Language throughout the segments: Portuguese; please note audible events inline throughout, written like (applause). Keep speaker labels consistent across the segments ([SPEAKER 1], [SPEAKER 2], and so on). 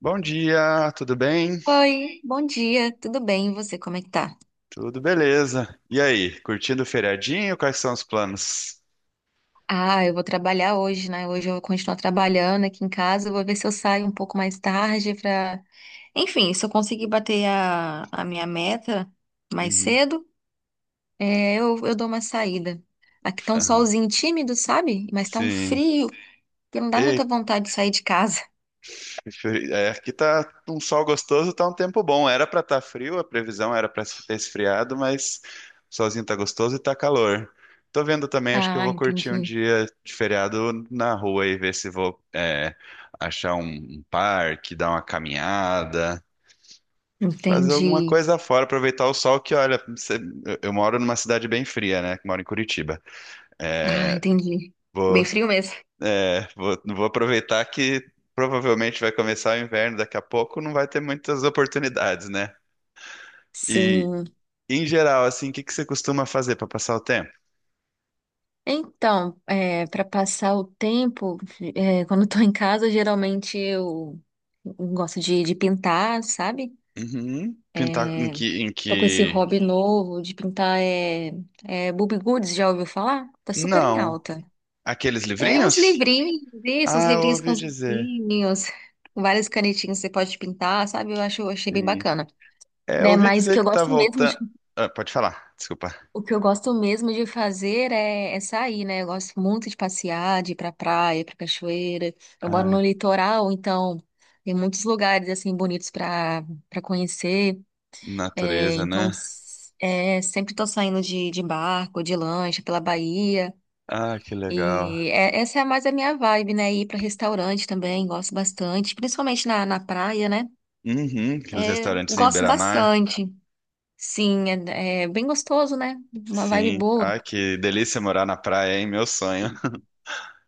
[SPEAKER 1] Bom dia, tudo bem?
[SPEAKER 2] Oi, bom dia, tudo bem? E você, como é que tá?
[SPEAKER 1] Tudo beleza. E aí, curtindo o feriadinho? Quais são os planos?
[SPEAKER 2] Ah, eu vou trabalhar hoje, né? Hoje eu vou continuar trabalhando aqui em casa, eu vou ver se eu saio um pouco mais tarde pra... Enfim, se eu conseguir bater a minha meta mais
[SPEAKER 1] Uhum,
[SPEAKER 2] cedo, eu dou uma saída. Aqui tá um
[SPEAKER 1] aham.
[SPEAKER 2] solzinho tímido, sabe? Mas tá um
[SPEAKER 1] Sim.
[SPEAKER 2] frio, que não dá muita
[SPEAKER 1] Eita,
[SPEAKER 2] vontade de sair de casa. (laughs)
[SPEAKER 1] aqui tá um sol gostoso, tá um tempo bom. Era pra estar frio, a previsão era pra ter esfriado, mas o solzinho tá gostoso e tá calor. Tô vendo também, acho que eu
[SPEAKER 2] Ah,
[SPEAKER 1] vou curtir um
[SPEAKER 2] entendi.
[SPEAKER 1] dia de feriado na rua e ver se vou achar um parque, dar uma caminhada. Fazer alguma
[SPEAKER 2] Entendi.
[SPEAKER 1] coisa fora, aproveitar o sol que, olha, eu moro numa cidade bem fria, né? Que moro em Curitiba.
[SPEAKER 2] Ah,
[SPEAKER 1] É,
[SPEAKER 2] entendi.
[SPEAKER 1] vou,
[SPEAKER 2] Bem frio mesmo.
[SPEAKER 1] vou aproveitar que provavelmente vai começar o inverno daqui a pouco, não vai ter muitas oportunidades, né? E,
[SPEAKER 2] Sim.
[SPEAKER 1] em geral, assim, o que que você costuma fazer para passar o tempo?
[SPEAKER 2] Então, para passar o tempo, quando estou em casa, geralmente eu gosto de pintar, sabe?
[SPEAKER 1] Uhum. Pintar em
[SPEAKER 2] É,
[SPEAKER 1] que, em
[SPEAKER 2] Tô com esse
[SPEAKER 1] que...
[SPEAKER 2] hobby novo de pintar, Bobbie Goods, já ouviu falar? Tá super em
[SPEAKER 1] Não.
[SPEAKER 2] alta.
[SPEAKER 1] Aqueles
[SPEAKER 2] É uns
[SPEAKER 1] livrinhos?
[SPEAKER 2] livrinhos, isso, uns
[SPEAKER 1] Ah, eu
[SPEAKER 2] livrinhos com
[SPEAKER 1] ouvi
[SPEAKER 2] os
[SPEAKER 1] dizer.
[SPEAKER 2] ursinhos, com várias canetinhas que você pode pintar, sabe? Eu achei bem
[SPEAKER 1] Sim.
[SPEAKER 2] bacana.
[SPEAKER 1] É, eu
[SPEAKER 2] Né?
[SPEAKER 1] ouvi dizer que tá voltando... Ah, pode falar, desculpa.
[SPEAKER 2] O que eu gosto mesmo de fazer é, é sair, né? Eu gosto muito de passear, de ir pra praia, pra cachoeira. Eu moro
[SPEAKER 1] Ah,
[SPEAKER 2] no litoral, então tem muitos lugares assim bonitos pra para conhecer.
[SPEAKER 1] natureza, né?
[SPEAKER 2] Sempre tô saindo de barco, de lancha pela Bahia.
[SPEAKER 1] Ah, que legal.
[SPEAKER 2] Essa é mais a minha vibe, né? Ir pra restaurante também, gosto bastante, principalmente na praia, né?
[SPEAKER 1] Uhum, aqueles
[SPEAKER 2] É,
[SPEAKER 1] restaurantes em
[SPEAKER 2] gosto
[SPEAKER 1] beira-mar.
[SPEAKER 2] bastante. Sim, é, é bem gostoso, né? Uma vibe
[SPEAKER 1] Sim.
[SPEAKER 2] boa.
[SPEAKER 1] Ah, que delícia morar na praia, hein? Meu sonho.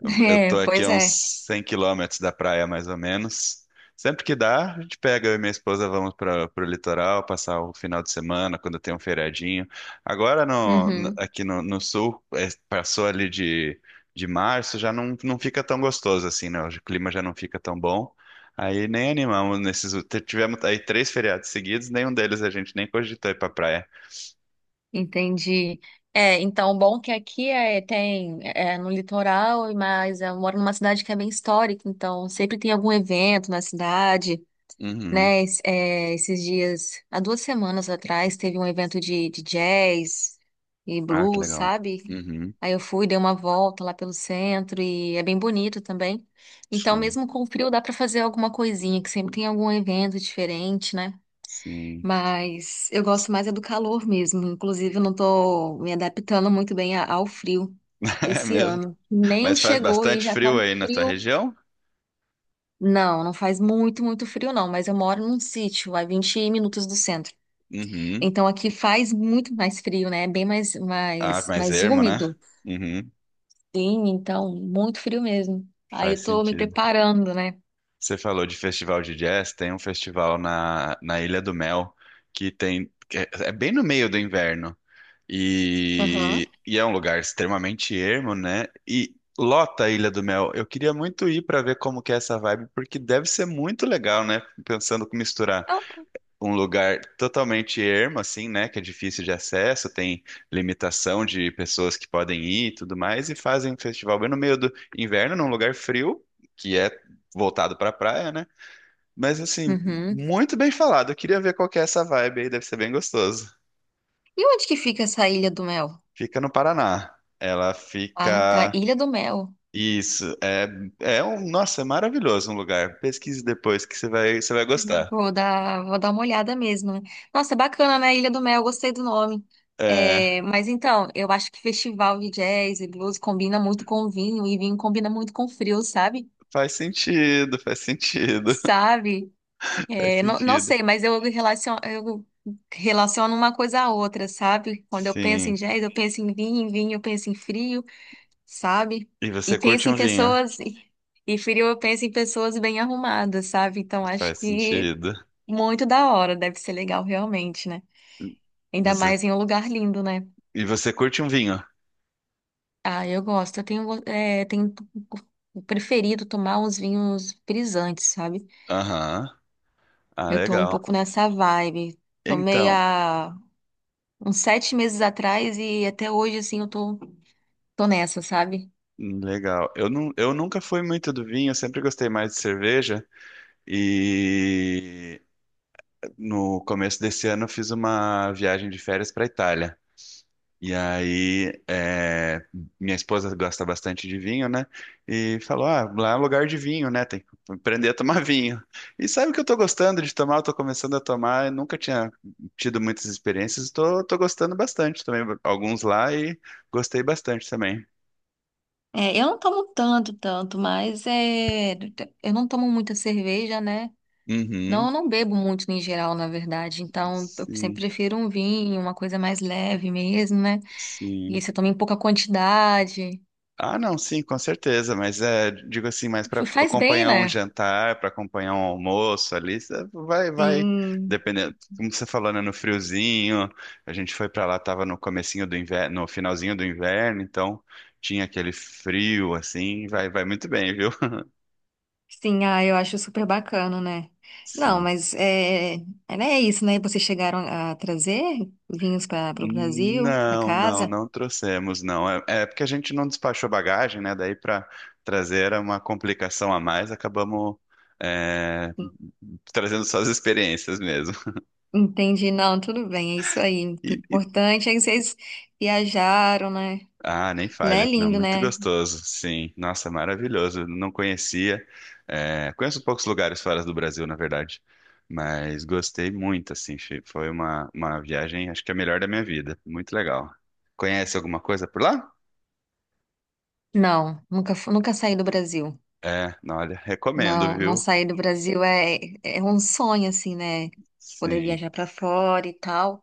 [SPEAKER 2] (laughs)
[SPEAKER 1] Eu
[SPEAKER 2] É,
[SPEAKER 1] tô aqui
[SPEAKER 2] pois
[SPEAKER 1] a
[SPEAKER 2] é.
[SPEAKER 1] uns 100 quilômetros da praia, mais ou menos. Sempre que dá, a gente pega, eu e minha esposa vamos para o litoral, passar o final de semana, quando tem um feriadinho. Agora,
[SPEAKER 2] Uhum,
[SPEAKER 1] aqui no sul, passou ali de março, já não fica tão gostoso assim, né? O clima já não fica tão bom. Aí nem animamos nesses... Tivemos aí três feriados seguidos, nenhum deles a gente nem cogitou ir pra praia.
[SPEAKER 2] entendi. É, então, o bom que aqui é, tem, no litoral, mas eu moro numa cidade que é bem histórica, então sempre tem algum evento na cidade,
[SPEAKER 1] Uhum.
[SPEAKER 2] né? Esses dias, há 2 semanas atrás, teve um evento de jazz e
[SPEAKER 1] Ah, que
[SPEAKER 2] blues,
[SPEAKER 1] legal.
[SPEAKER 2] sabe?
[SPEAKER 1] Uhum.
[SPEAKER 2] Aí eu fui, dei uma volta lá pelo centro e é bem bonito também. Então,
[SPEAKER 1] Sim,
[SPEAKER 2] mesmo com o frio, dá pra fazer alguma coisinha, que sempre tem algum evento diferente, né?
[SPEAKER 1] sim.
[SPEAKER 2] Mas eu gosto mais é do calor mesmo. Inclusive, eu não tô me adaptando muito bem ao frio
[SPEAKER 1] (laughs) É
[SPEAKER 2] esse
[SPEAKER 1] mesmo.
[SPEAKER 2] ano. Nem
[SPEAKER 1] Mas faz
[SPEAKER 2] chegou e
[SPEAKER 1] bastante
[SPEAKER 2] já tá
[SPEAKER 1] frio
[SPEAKER 2] um
[SPEAKER 1] aí na tua
[SPEAKER 2] frio.
[SPEAKER 1] região?
[SPEAKER 2] Não, não faz muito frio, não. Mas eu moro num sítio, a 20 minutos do centro.
[SPEAKER 1] Uhum.
[SPEAKER 2] Então aqui faz muito mais frio, né? É bem mais,
[SPEAKER 1] Ah, mais
[SPEAKER 2] mais
[SPEAKER 1] ermo, né?
[SPEAKER 2] úmido.
[SPEAKER 1] Uhum.
[SPEAKER 2] Sim, então, muito frio mesmo. Aí
[SPEAKER 1] Faz
[SPEAKER 2] eu tô me
[SPEAKER 1] sentido.
[SPEAKER 2] preparando, né?
[SPEAKER 1] Você falou de festival de jazz, tem um festival na Ilha do Mel que tem que é bem no meio do inverno
[SPEAKER 2] Aham.
[SPEAKER 1] e é um lugar extremamente ermo, né? E lota a Ilha do Mel. Eu queria muito ir para ver como que é essa vibe, porque deve ser muito legal, né? Pensando com misturar
[SPEAKER 2] Ah, tá.
[SPEAKER 1] um lugar totalmente ermo, assim, né? Que é difícil de acesso, tem limitação de pessoas que podem ir e tudo mais, e fazem um festival bem no meio do inverno, num lugar frio, que é voltado pra praia, né? Mas, assim,
[SPEAKER 2] Uhum.
[SPEAKER 1] muito bem falado. Eu queria ver qual que é essa vibe aí, deve ser bem gostoso.
[SPEAKER 2] E onde que fica essa Ilha do Mel?
[SPEAKER 1] Fica no Paraná. Ela
[SPEAKER 2] Ah, tá.
[SPEAKER 1] fica.
[SPEAKER 2] Ilha do Mel.
[SPEAKER 1] Isso, é, um, nossa, é maravilhoso um lugar. Pesquise depois que você vai gostar.
[SPEAKER 2] Vou dar uma olhada mesmo, né? Nossa, bacana, né? Ilha do Mel, gostei do nome.
[SPEAKER 1] É,
[SPEAKER 2] É, mas então, eu acho que festival de jazz e blues combina muito com vinho, e vinho combina muito com frio, sabe?
[SPEAKER 1] faz sentido,
[SPEAKER 2] Sabe?
[SPEAKER 1] (laughs) faz
[SPEAKER 2] É, não, não
[SPEAKER 1] sentido.
[SPEAKER 2] sei, mas eu relaciono uma coisa à outra, sabe? Quando eu penso em
[SPEAKER 1] Sim.
[SPEAKER 2] jazz, eu penso em vinho eu penso em frio, sabe?
[SPEAKER 1] E
[SPEAKER 2] E
[SPEAKER 1] você curte
[SPEAKER 2] penso em
[SPEAKER 1] um vinho?
[SPEAKER 2] pessoas, e frio eu penso em pessoas bem arrumadas, sabe? Então, acho
[SPEAKER 1] Faz
[SPEAKER 2] que.
[SPEAKER 1] sentido.
[SPEAKER 2] Muito da hora, deve ser legal realmente, né? Ainda
[SPEAKER 1] Você...
[SPEAKER 2] mais em um lugar lindo, né?
[SPEAKER 1] E você curte um vinho?
[SPEAKER 2] Ah, eu gosto. Eu tenho, go- eh, tenho preferido tomar uns vinhos frisantes, sabe?
[SPEAKER 1] Aham. Ah,
[SPEAKER 2] Eu tô um
[SPEAKER 1] legal.
[SPEAKER 2] pouco nessa vibe. Tomei
[SPEAKER 1] Então,
[SPEAKER 2] há uns 7 meses atrás e até hoje, assim, tô nessa, sabe?
[SPEAKER 1] legal. Não, eu nunca fui muito do vinho, eu sempre gostei mais de cerveja. E no começo desse ano eu fiz uma viagem de férias para Itália. E aí, minha esposa gosta bastante de vinho, né? E falou: ah, lá é um lugar de vinho, né? Tem que aprender a tomar vinho. E sabe o que eu tô gostando de tomar? Eu tô começando a tomar, eu nunca tinha tido muitas experiências, tô gostando bastante. Tomei alguns lá e gostei bastante também.
[SPEAKER 2] É, eu não tomo tanto, tanto, mas é, eu não tomo muita cerveja, né? Não, eu
[SPEAKER 1] Uhum,
[SPEAKER 2] não bebo muito em geral, na verdade. Então, eu sempre
[SPEAKER 1] sim,
[SPEAKER 2] prefiro um vinho, uma coisa mais leve mesmo, né? E
[SPEAKER 1] sim.
[SPEAKER 2] você toma em pouca quantidade.
[SPEAKER 1] Ah, não, sim, com certeza, mas é, digo assim, mas para
[SPEAKER 2] Faz bem,
[SPEAKER 1] acompanhar um
[SPEAKER 2] né?
[SPEAKER 1] jantar, para acompanhar um almoço ali, cê vai,
[SPEAKER 2] Sim,
[SPEAKER 1] dependendo, como você falou, né, no friozinho, a gente foi para lá, tava no comecinho do inverno, no finalzinho do inverno, então tinha aquele frio, assim, vai muito bem, viu? (laughs)
[SPEAKER 2] sim, ah, eu acho super bacana, né? Não,
[SPEAKER 1] Sim.
[SPEAKER 2] mas eh, é, né, é isso, né? Vocês chegaram a trazer vinhos para o Brasil, para
[SPEAKER 1] Não, não,
[SPEAKER 2] casa.
[SPEAKER 1] não trouxemos, não. É porque a gente não despachou bagagem, né? Daí para trazer era uma complicação a mais, acabamos é, trazendo só as experiências mesmo.
[SPEAKER 2] Entendi, não, tudo bem, é isso aí. O
[SPEAKER 1] E- e-
[SPEAKER 2] importante é que vocês viajaram, né?
[SPEAKER 1] ah, nem
[SPEAKER 2] Lá é
[SPEAKER 1] falha, não,
[SPEAKER 2] lindo,
[SPEAKER 1] muito
[SPEAKER 2] né?
[SPEAKER 1] gostoso, sim. Nossa, maravilhoso. Não conhecia. É, conheço poucos lugares fora do Brasil, na verdade, mas gostei muito, assim. Foi uma, viagem, acho que a melhor da minha vida. Muito legal. Conhece alguma coisa por lá?
[SPEAKER 2] Não, nunca saí do Brasil.
[SPEAKER 1] É, não, olha, recomendo,
[SPEAKER 2] Não, não
[SPEAKER 1] viu?
[SPEAKER 2] sair do Brasil é, é um sonho, assim, né? Poder
[SPEAKER 1] Sim.
[SPEAKER 2] viajar para fora e tal.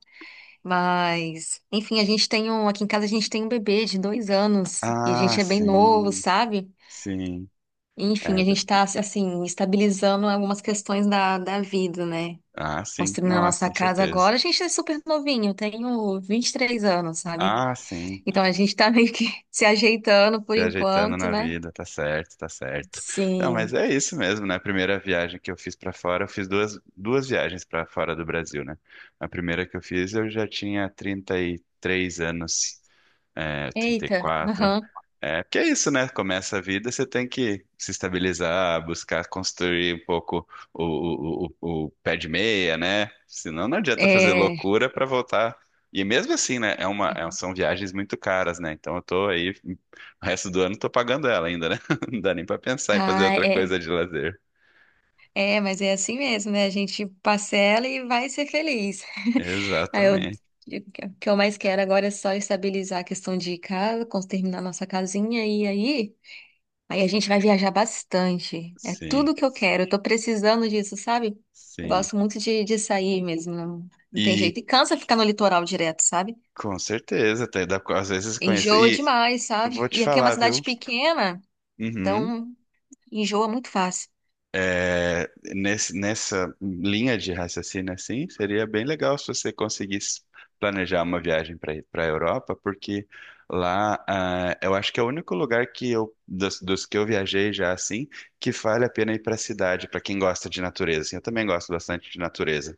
[SPEAKER 2] Mas, enfim, a gente tem um, aqui em casa a gente tem um bebê de 2 anos e a
[SPEAKER 1] Ah,
[SPEAKER 2] gente é bem novo,
[SPEAKER 1] sim.
[SPEAKER 2] sabe?
[SPEAKER 1] Sim.
[SPEAKER 2] Enfim,
[SPEAKER 1] É,
[SPEAKER 2] a gente tá, assim, estabilizando algumas questões da vida, né?
[SPEAKER 1] ah, sim.
[SPEAKER 2] Construindo a
[SPEAKER 1] Não, é
[SPEAKER 2] nossa
[SPEAKER 1] com
[SPEAKER 2] casa
[SPEAKER 1] certeza.
[SPEAKER 2] agora. A gente é super novinho, eu tenho 23 anos, sabe?
[SPEAKER 1] Ah, sim.
[SPEAKER 2] Então a gente tá meio que (laughs) se ajeitando por
[SPEAKER 1] Se ajeitando
[SPEAKER 2] enquanto,
[SPEAKER 1] na
[SPEAKER 2] né?
[SPEAKER 1] vida, tá certo, tá certo. Não, mas
[SPEAKER 2] Sim.
[SPEAKER 1] é isso mesmo, né? A primeira viagem que eu fiz pra fora, eu fiz duas viagens pra fora do Brasil, né? A primeira que eu fiz, eu já tinha 33 anos. Trinta e
[SPEAKER 2] Eita,
[SPEAKER 1] quatro,
[SPEAKER 2] aham.
[SPEAKER 1] É, porque é isso, né? Começa a vida, você tem que se estabilizar, buscar construir um pouco o pé de meia, né? Senão não adianta fazer
[SPEAKER 2] É,
[SPEAKER 1] loucura para voltar. E mesmo assim, né? São viagens muito caras, né? Então eu tô aí, o resto do ano eu tô pagando ela ainda, né? (laughs) Não dá nem para pensar em fazer
[SPEAKER 2] ah,
[SPEAKER 1] outra
[SPEAKER 2] é.
[SPEAKER 1] coisa de lazer.
[SPEAKER 2] É, mas é assim mesmo, né? A gente parcela e vai ser feliz. (laughs) Aí eu,
[SPEAKER 1] Exatamente.
[SPEAKER 2] o que eu mais quero agora é só estabilizar a questão de casa, terminar nossa casinha e aí a gente vai viajar bastante. É
[SPEAKER 1] Sim,
[SPEAKER 2] tudo que eu quero. Eu tô precisando disso, sabe? Eu
[SPEAKER 1] sim.
[SPEAKER 2] gosto muito de sair mesmo, não tem jeito.
[SPEAKER 1] E
[SPEAKER 2] E cansa ficar no litoral direto, sabe?
[SPEAKER 1] com certeza, até dá, às vezes conhecer.
[SPEAKER 2] Enjoa
[SPEAKER 1] E
[SPEAKER 2] demais, sabe?
[SPEAKER 1] vou te
[SPEAKER 2] E aqui é uma
[SPEAKER 1] falar,
[SPEAKER 2] cidade
[SPEAKER 1] viu?
[SPEAKER 2] pequena,
[SPEAKER 1] Uhum.
[SPEAKER 2] então enjoa muito fácil.
[SPEAKER 1] É, nessa linha de raciocínio, assim, seria bem legal se você conseguisse planejar uma viagem para a Europa, porque lá, ah, eu acho que é o único lugar que eu, dos que eu viajei já, assim, que vale a pena ir para a cidade, para quem gosta de natureza. Assim, eu também gosto bastante de natureza.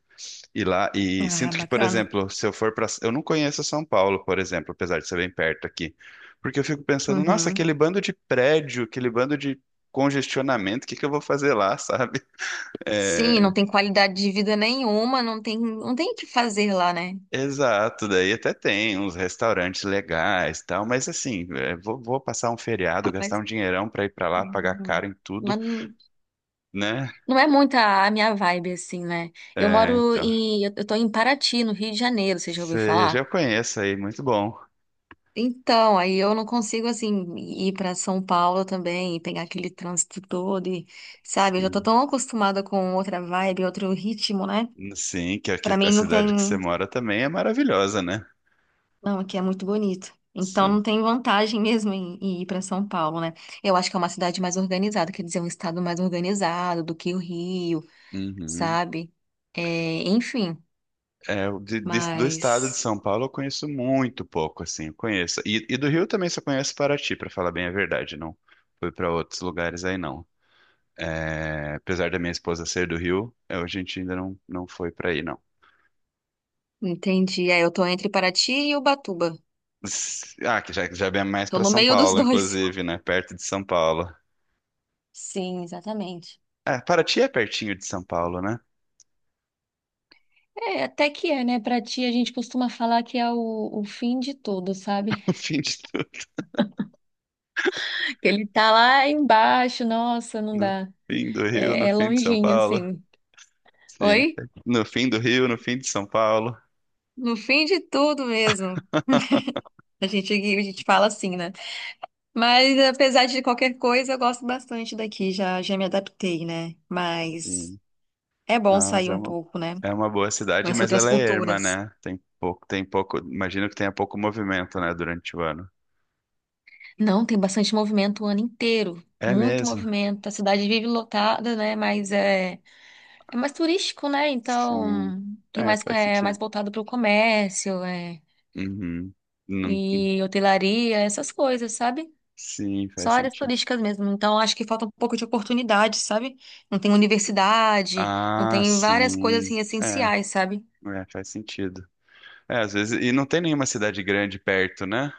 [SPEAKER 1] E lá, e
[SPEAKER 2] Ah,
[SPEAKER 1] sinto que, por
[SPEAKER 2] bacana.
[SPEAKER 1] exemplo, se eu for para, eu não conheço São Paulo, por exemplo, apesar de ser bem perto aqui, porque eu fico pensando, nossa,
[SPEAKER 2] Uhum.
[SPEAKER 1] aquele bando de prédio, aquele bando de congestionamento, o que que eu vou fazer lá, sabe? (laughs)
[SPEAKER 2] Sim, não
[SPEAKER 1] É,
[SPEAKER 2] tem qualidade de vida nenhuma, não tem, não tem o que fazer lá, né?
[SPEAKER 1] exato, daí até tem uns restaurantes legais, e tal, mas assim, vou passar um feriado,
[SPEAKER 2] Mas,
[SPEAKER 1] gastar um dinheirão para ir para lá, pagar
[SPEAKER 2] hum,
[SPEAKER 1] caro em tudo,
[SPEAKER 2] mas
[SPEAKER 1] né?
[SPEAKER 2] não é muito a minha vibe, assim, né? Eu
[SPEAKER 1] É,
[SPEAKER 2] moro
[SPEAKER 1] então,
[SPEAKER 2] em, eu tô em Paraty, no Rio de Janeiro, você já ouviu
[SPEAKER 1] você
[SPEAKER 2] falar?
[SPEAKER 1] já conhece aí, muito bom.
[SPEAKER 2] Então, aí eu não consigo, assim, ir para São Paulo também e pegar aquele trânsito todo e, sabe, eu já tô
[SPEAKER 1] Sim,
[SPEAKER 2] tão acostumada com outra vibe, outro ritmo, né?
[SPEAKER 1] sim, que
[SPEAKER 2] Pra
[SPEAKER 1] a
[SPEAKER 2] mim não
[SPEAKER 1] cidade que você
[SPEAKER 2] tem.
[SPEAKER 1] mora também é maravilhosa, né?
[SPEAKER 2] Não, aqui é muito bonito. Então
[SPEAKER 1] Sim.
[SPEAKER 2] não tem vantagem mesmo em, em ir para São Paulo, né? Eu acho que é uma cidade mais organizada, quer dizer, um estado mais organizado do que o Rio,
[SPEAKER 1] Uhum.
[SPEAKER 2] sabe? É, enfim,
[SPEAKER 1] É, do estado de
[SPEAKER 2] mas
[SPEAKER 1] São Paulo eu conheço muito pouco, assim, eu conheço. E do Rio também só conheço Paraty, para falar bem a verdade, não fui para outros lugares aí não. É, apesar da minha esposa ser do Rio, a gente ainda não, foi para aí não.
[SPEAKER 2] entendi. É, eu tô entre Paraty e Ubatuba.
[SPEAKER 1] Ah, que já vem mais
[SPEAKER 2] Tô
[SPEAKER 1] para
[SPEAKER 2] no
[SPEAKER 1] São
[SPEAKER 2] meio dos (laughs)
[SPEAKER 1] Paulo,
[SPEAKER 2] dois.
[SPEAKER 1] inclusive, né? Perto de São Paulo.
[SPEAKER 2] Sim, exatamente.
[SPEAKER 1] É, Paraty é pertinho de São Paulo, né?
[SPEAKER 2] É, até que é, né? Pra ti, a gente costuma falar que é o fim de tudo, sabe?
[SPEAKER 1] (laughs) No fim de tudo,
[SPEAKER 2] Que ele tá lá embaixo, nossa, não
[SPEAKER 1] no
[SPEAKER 2] dá.
[SPEAKER 1] fim do Rio, no
[SPEAKER 2] É, é
[SPEAKER 1] fim de São
[SPEAKER 2] longinho,
[SPEAKER 1] Paulo.
[SPEAKER 2] assim.
[SPEAKER 1] Sim,
[SPEAKER 2] Oi?
[SPEAKER 1] no fim do Rio, no fim de São Paulo.
[SPEAKER 2] No fim de tudo mesmo. A gente fala assim, né? Mas apesar de qualquer coisa, eu gosto bastante daqui, já me adaptei, né? Mas é bom
[SPEAKER 1] Não, mas
[SPEAKER 2] sair
[SPEAKER 1] é
[SPEAKER 2] um
[SPEAKER 1] uma,
[SPEAKER 2] pouco, né?
[SPEAKER 1] é uma boa cidade,
[SPEAKER 2] Conhecer
[SPEAKER 1] mas
[SPEAKER 2] outras
[SPEAKER 1] ela é erma,
[SPEAKER 2] culturas.
[SPEAKER 1] né? Imagino que tenha pouco movimento, né, durante o ano.
[SPEAKER 2] Não, tem bastante movimento o ano inteiro.
[SPEAKER 1] É
[SPEAKER 2] Muito
[SPEAKER 1] mesmo?
[SPEAKER 2] movimento. A cidade vive lotada, né? Mas é, é mais turístico, né?
[SPEAKER 1] Sim.
[SPEAKER 2] Então tem
[SPEAKER 1] É,
[SPEAKER 2] mais,
[SPEAKER 1] faz
[SPEAKER 2] é mais
[SPEAKER 1] sentido.
[SPEAKER 2] voltado para o comércio, é,
[SPEAKER 1] Uhum. Não,
[SPEAKER 2] e hotelaria, essas coisas, sabe?
[SPEAKER 1] sim,
[SPEAKER 2] Só
[SPEAKER 1] faz
[SPEAKER 2] áreas
[SPEAKER 1] sentido.
[SPEAKER 2] turísticas mesmo. Então, acho que falta um pouco de oportunidade, sabe? Não tem universidade, não
[SPEAKER 1] Ah,
[SPEAKER 2] tem várias coisas
[SPEAKER 1] sim.
[SPEAKER 2] assim
[SPEAKER 1] É,
[SPEAKER 2] essenciais, sabe?
[SPEAKER 1] é, faz sentido. É, às vezes, e não tem nenhuma cidade grande perto, né?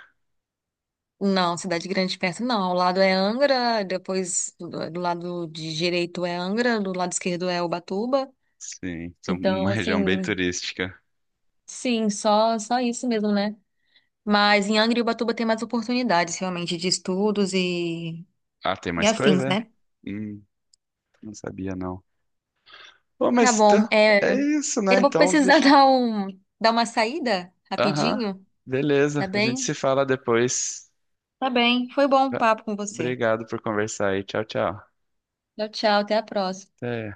[SPEAKER 2] Não, cidade grande perto não. Ao lado é Angra, depois do, do lado de direito é Angra, do lado esquerdo é Ubatuba.
[SPEAKER 1] Sim, são uma
[SPEAKER 2] Então,
[SPEAKER 1] região bem
[SPEAKER 2] assim,
[SPEAKER 1] turística.
[SPEAKER 2] sim, só só isso mesmo, né? Mas em Angra e Ubatuba tem mais oportunidades realmente de estudos
[SPEAKER 1] Ah, tem
[SPEAKER 2] e
[SPEAKER 1] mais
[SPEAKER 2] afins,
[SPEAKER 1] coisa?
[SPEAKER 2] né?
[SPEAKER 1] Hum, não sabia, não. Bom,
[SPEAKER 2] Tá
[SPEAKER 1] mas
[SPEAKER 2] bom.
[SPEAKER 1] então,
[SPEAKER 2] É,
[SPEAKER 1] é isso, né?
[SPEAKER 2] eu vou
[SPEAKER 1] Então.
[SPEAKER 2] precisar (laughs) dar um, dar uma saída
[SPEAKER 1] Aham,
[SPEAKER 2] rapidinho, tá
[SPEAKER 1] beleza. A gente
[SPEAKER 2] bem?
[SPEAKER 1] se fala depois.
[SPEAKER 2] Tá bem, foi bom o
[SPEAKER 1] Tá.
[SPEAKER 2] papo com você.
[SPEAKER 1] Obrigado por conversar aí. Tchau, tchau.
[SPEAKER 2] Tchau, tchau, até a próxima.
[SPEAKER 1] Até.